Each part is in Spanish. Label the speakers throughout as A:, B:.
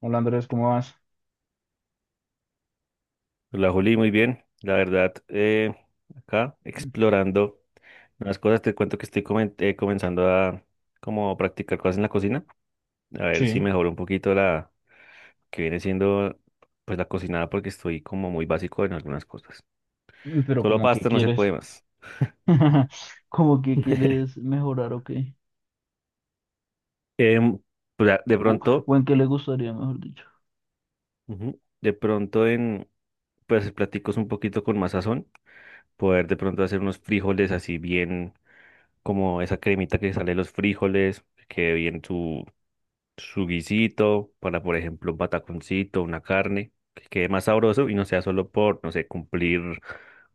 A: Hola Andrés, ¿cómo vas?
B: Hola Juli, muy bien. La verdad, acá explorando unas cosas, te cuento que estoy comenzando a como practicar cosas en la cocina, a ver si
A: Sí.
B: mejoro un poquito la que viene siendo pues la cocinada porque estoy como muy básico en algunas cosas.
A: Uy, pero
B: Solo
A: como que
B: pasta no se puede
A: quieres,
B: más.
A: ¿como que quieres mejorar o qué?
B: Em, pues, ah, de
A: O,
B: pronto,
A: o en qué le gustaría, mejor dicho.
B: ujú, de pronto en pues platicos un poquito con más sazón, poder de pronto hacer unos frijoles así bien como esa cremita que sale de los frijoles, que quede bien su guisito, para por ejemplo un pataconcito, una carne, que quede más sabroso y no sea solo por, no sé, cumplir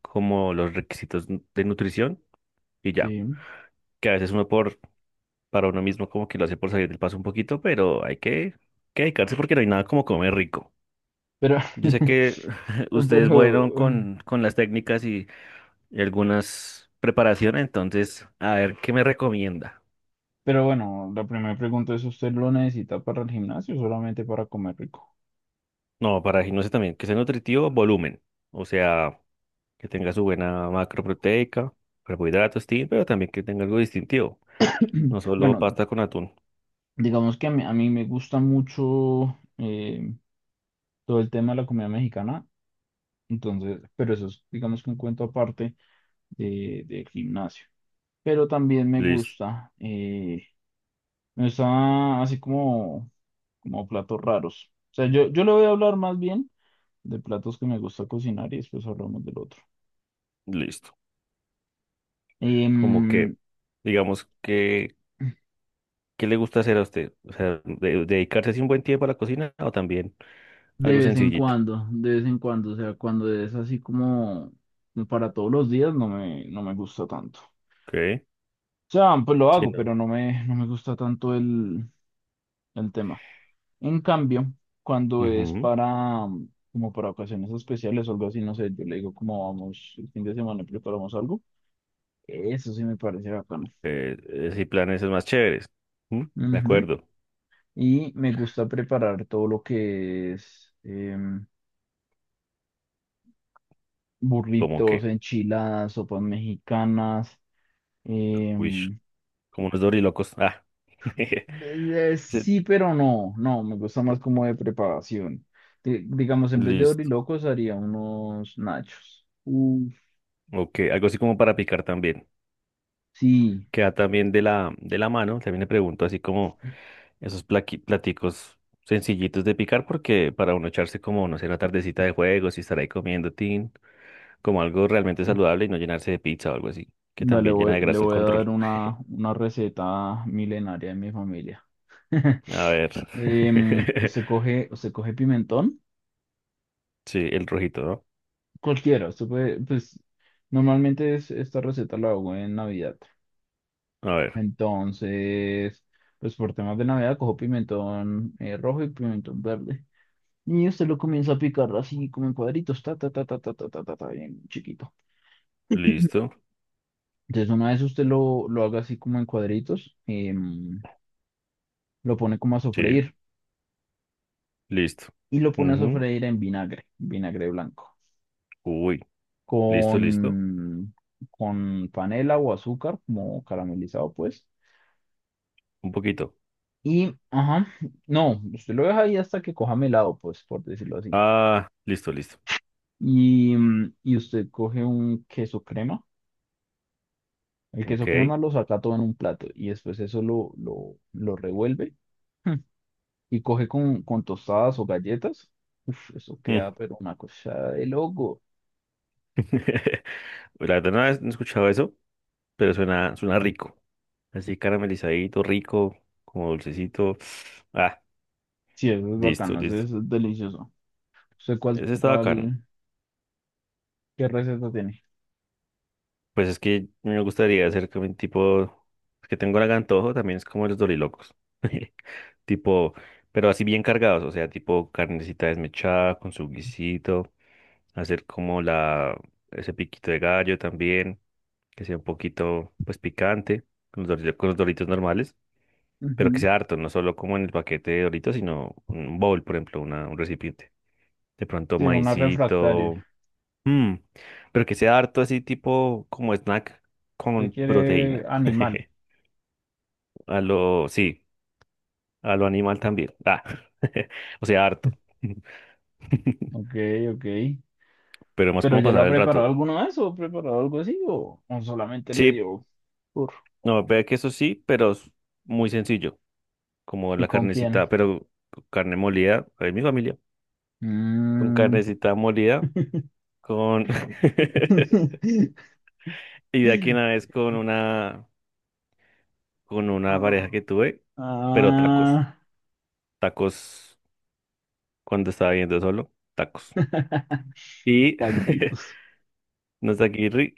B: como los requisitos de nutrición y ya,
A: Sí,
B: que a veces uno por, para uno mismo como que lo hace por salir del paso un poquito, pero que dedicarse porque no hay nada como comer rico.
A: pero,
B: Yo sé que ustedes fueron
A: pero,
B: con las técnicas y algunas preparaciones, entonces, a ver, ¿qué me recomienda?
A: pero bueno, la primera pregunta es: ¿usted lo necesita para el gimnasio o solamente para comer rico?
B: No, para no sé también, que sea nutritivo, volumen. O sea, que tenga su buena macro proteica, carbohidratos, tin, pero también que tenga algo distintivo, no solo
A: Bueno,
B: pasta con atún.
A: digamos que a mí me gusta mucho eh, todo el tema de la comida mexicana, entonces, pero eso es, digamos, que un cuento aparte de, del gimnasio. Pero también me
B: Listo,
A: gusta, está así como, como platos raros. O sea, yo le voy a hablar más bien de platos que me gusta cocinar, y después hablamos del otro.
B: listo. Como
A: Em,
B: que, digamos que, ¿qué le gusta hacer a usted? O sea, dedicarse así un buen tiempo a la cocina o también
A: de
B: algo
A: vez en
B: sencillito.
A: cuando, de vez en cuando, o sea, cuando es así como para todos los días, no me gusta tanto. O
B: Ok,
A: sea, pues lo
B: sí,
A: hago,
B: no.
A: pero no me gusta tanto el tema. En cambio, cuando es
B: Ujú.
A: para, como para ocasiones especiales o algo así, no sé, yo le digo como vamos el fin de semana y preparamos algo, eso sí me parece bacano.
B: Sí, planes es más chéveres. ¿Mm? De
A: Ujú.
B: acuerdo.
A: Y me gusta preparar todo lo que es
B: Como
A: burritos,
B: que,
A: enchiladas, sopas mexicanas.
B: wish,
A: em,
B: como unos dorilocos. Ah. Sí,
A: sí, pero no, no, me gusta más como de preparación. Digamos, en vez de
B: listo.
A: orilocos haría unos nachos. Uf,
B: Ok, algo así como para picar también,
A: sí.
B: que va también de la mano. También le pregunto así como esos platicos sencillitos de picar, porque para uno echarse como, no sé, una tardecita de juegos y estar ahí comiendo tin, como algo realmente saludable y no llenarse de pizza o algo así, que
A: Vale,
B: también llena de
A: le
B: grasa el
A: voy a
B: control.
A: dar una receta milenaria de mi familia.
B: A ver.
A: Usted coge, usted coge pimentón.
B: Sí, el rojito,
A: Cualquiera, usted puede, pues normalmente esta receta la hago en Navidad.
B: ¿no? A ver,
A: Entonces, pues por temas de Navidad cojo pimentón rojo y pimentón verde. Y usted lo comienza a picar así como en cuadritos, ta, ta, ta, ta, ta, ta, ta, ta, ta, bien chiquito.
B: listo.
A: Entonces, una vez usted lo haga así como en cuadritos, lo pone como a
B: Sí,
A: sofreír
B: listo.
A: y lo pone a
B: Ujú.
A: sofreír en vinagre, vinagre blanco,
B: Uy, listo, listo.
A: con, con panela o azúcar, como caramelizado, pues.
B: Un poquito.
A: Y, ajá, no, usted lo deja ahí hasta que coja melado, pues, por decirlo así.
B: Ah, listo, listo.
A: Y, y usted coge un queso crema. El queso
B: Ok.
A: crema lo saca todo en un plato y después eso lo revuelve, mm, y coge con tostadas o galletas. Uf, eso
B: Mm.
A: queda, pero una cosa de loco.
B: La verdad no he escuchado eso, pero suena, suena rico. Así caramelizadito, rico, como dulcecito. Ah,
A: Sí, eso es
B: listo,
A: bacano, eso
B: listo.
A: es delicioso. ¿Usted cuál,
B: Ese está acá.
A: cuál, qué receta tiene?
B: Pues es que no me gustaría hacer como un tipo, que tengo el antojo, también es como los dorilocos. Tipo, pero así bien cargados, o sea, tipo carnecita desmechada con su guisito, hacer como la, ese piquito de gallo también, que sea un poquito, pues picante, con los doritos normales, pero que
A: Ujú.
B: sea harto, no solo como en el paquete de doritos, sino un bowl, por ejemplo, una, un recipiente. De pronto
A: Sí, una refractaria.
B: maicito. Mm, pero que sea harto así tipo como snack
A: ¿Usted
B: con
A: quiere
B: proteína.
A: animal?
B: A lo, sí, a lo animal también. Ah, o sea, harto.
A: Ok, ok.
B: Pero más
A: ¿Pero
B: como
A: ya lo
B: pasar
A: ha
B: el rato.
A: preparado alguno de eso? ¿Ha preparado algo así? O solamente le
B: Sí,
A: dio por?
B: no, ve que eso sí, pero es muy sencillo, como
A: ¿Y
B: la
A: con
B: carnecita,
A: quién?
B: pero con carne molida, ahí mi familia, con
A: Mm.
B: carnecita molida, con... y de aquí una vez con una pareja
A: Oh.
B: que tuve, pero tacos,
A: Ah,
B: tacos. Cuando estaba viendo solo, tacos. Y
A: tanquitos.
B: Nozakirri,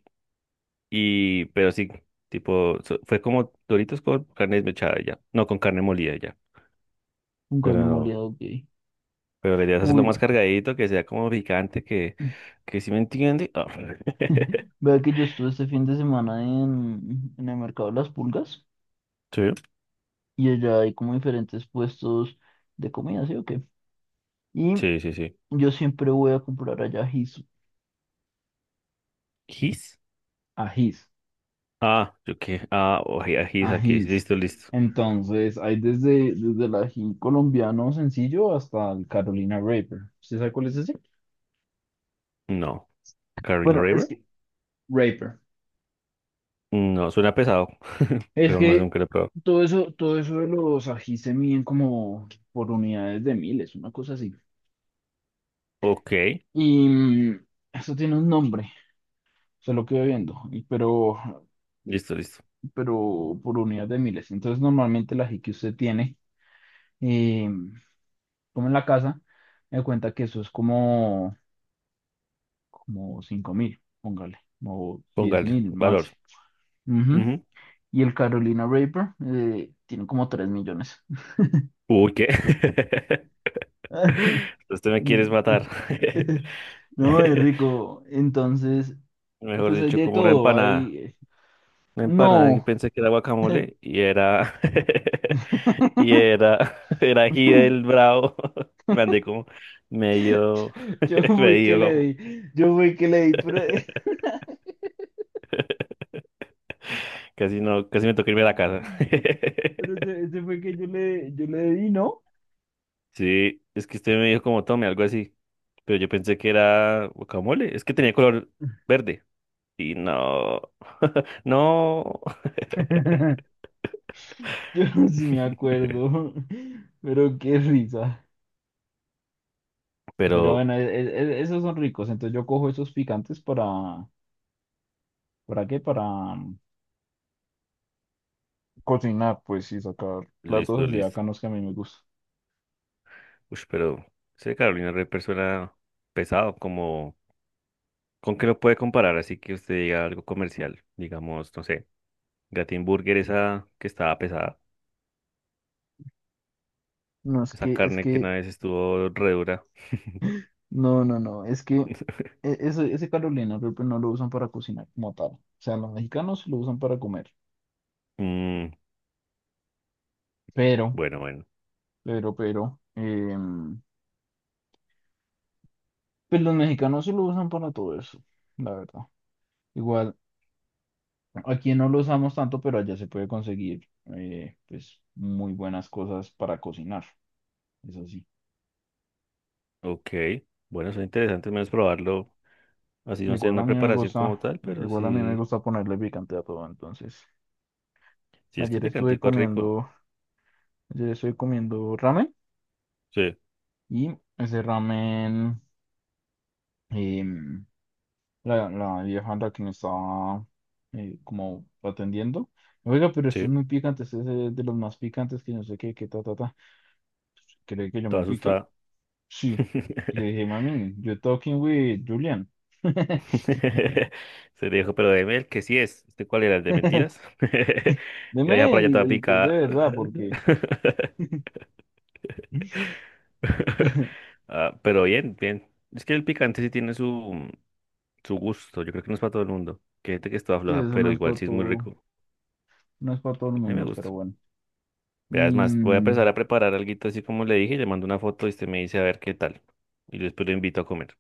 B: y, pero sí, tipo, fue como Doritos con carne desmechada ya, no, con carne molida ya,
A: Un cuerno
B: pero,
A: moliado, ok.
B: pero la idea es hacerlo
A: Uy,
B: más cargadito, que sea como picante, que si me entiende. Ah.
A: vea que yo estuve este fin de semana en el mercado de las pulgas,
B: Sí,
A: y allá hay como diferentes puestos de comida, ¿sí o qué? Y
B: sí, sí, sí.
A: yo siempre voy a comprar allá ají,
B: ¿His?
A: ají.
B: Ah, yo qué, ah, oye, his aquí,
A: Ajís.
B: listo, listo.
A: Entonces, hay desde, desde el ají colombiano sencillo hasta el Carolina Reaper. ¿Usted sabe cuál es ese?
B: No, Carino
A: Bueno, es
B: River,
A: que, Raper.
B: no, suena pesado,
A: Es
B: pero no sé,
A: que
B: nunca lo he probado.
A: todo eso de los ají se miden como por unidades de miles, una cosa así.
B: Ok,
A: Y eso tiene un nombre, se lo quedo viendo,
B: listo, listo,
A: pero por unidades de miles. Entonces, normalmente el ají que usted tiene, eh, como en la casa, me cuenta que eso es como, como 5.000, póngale, o diez
B: póngale,
A: mil
B: valor.
A: máximo. Ujú. Y el Carolina Reaper tiene como 3 millones.
B: Uy, ¿qué? Usted me quieres matar.
A: No, es rico. Entonces,
B: Mejor
A: pues hay
B: dicho,
A: de
B: como una
A: todo.
B: empanada.
A: Hay.
B: Una empanada que
A: No.
B: pensé que era guacamole y era. Y era. Era ají del bravo. Me andé como medio.
A: Yo fui que
B: Medio
A: le
B: como.
A: di. Yo fui que le di, pero.
B: Casi no, casi me tocó irme a la casa.
A: Pero ese fue que yo le di, ¿no?
B: Sí, es que usted me dijo como tome, algo así. Pero yo pensé que era guacamole. Es que tenía color verde. Y no. No.
A: Yo sí me acuerdo. Pero qué risa. Pero
B: Pero
A: bueno, esos son ricos. Entonces yo cojo esos picantes ¿para qué? Para, mm, cocinar, pues, y sacar
B: listo,
A: platos así
B: listo.
A: bacanos que a mí me gustan.
B: Uy, pero ese Carolina Reaper suena pesado, como ¿con qué lo puede comparar? Así que usted diga algo comercial, digamos, no sé, Gatin Burger esa que estaba pesada,
A: No, es
B: esa
A: que,
B: carne que una vez estuvo re dura.
A: no, no, no, es que ese, ese Carolina Reaper no lo usan para cocinar como tal. O sea, los mexicanos sí lo usan para comer.
B: Mm,
A: Pero,
B: bueno, bueno,
A: pero, pues los mexicanos sí lo usan para todo eso, la verdad. Igual, aquí no lo usamos tanto, pero allá se puede conseguir pues muy buenas cosas para cocinar. Eso sí.
B: ok, bueno, es interesante menos probarlo, así no sea
A: Igual a
B: una
A: mí me
B: preparación como
A: gusta,
B: tal, pero
A: Igual a mí me
B: sí,
A: gusta ponerle picante a todo. Entonces,
B: sí es que el
A: ayer estuve
B: picantico es rico.
A: comiendo, ayer estuve comiendo ramen,
B: Sí,
A: y ese ramen, em, la, la vieja la que me estaba como atendiendo. Oiga, pero esto es
B: sí,
A: muy picante, este es de los más picantes, que no sé qué, qué, ta, ta, ta. ¿Cree que yo me
B: toda
A: piqué?
B: asustada.
A: Sí. Le dije: mami, you're talking with Julian.
B: Se dijo, pero de miel, que sí es. ¿Este cuál era el de mentiras? Y la
A: Deme
B: vieja por allá toda
A: el que es de
B: picada.
A: verdad, porque...
B: Ah, pero bien, bien. Es que el picante sí tiene su, su gusto. Yo creo que no es para todo el mundo. Que hay gente que es toda
A: Sí,
B: floja,
A: eso
B: pero
A: no es
B: igual
A: para
B: sí es muy
A: todo,
B: rico.
A: no es para todo el
B: A mí me
A: mundo,
B: gusta.
A: pero bueno.
B: Vea, es
A: Y
B: más, voy a empezar a preparar alguito así como le dije, y le mando una foto y usted me dice a ver qué tal. Y después lo invito a comer.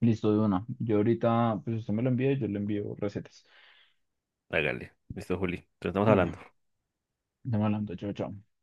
A: listo de una. Yo ahorita, pues usted me lo envía y yo le envío recetas.
B: Hágale. Listo, Juli. Entonces estamos
A: Vale,
B: hablando.
A: estamos hablando, chao, chao.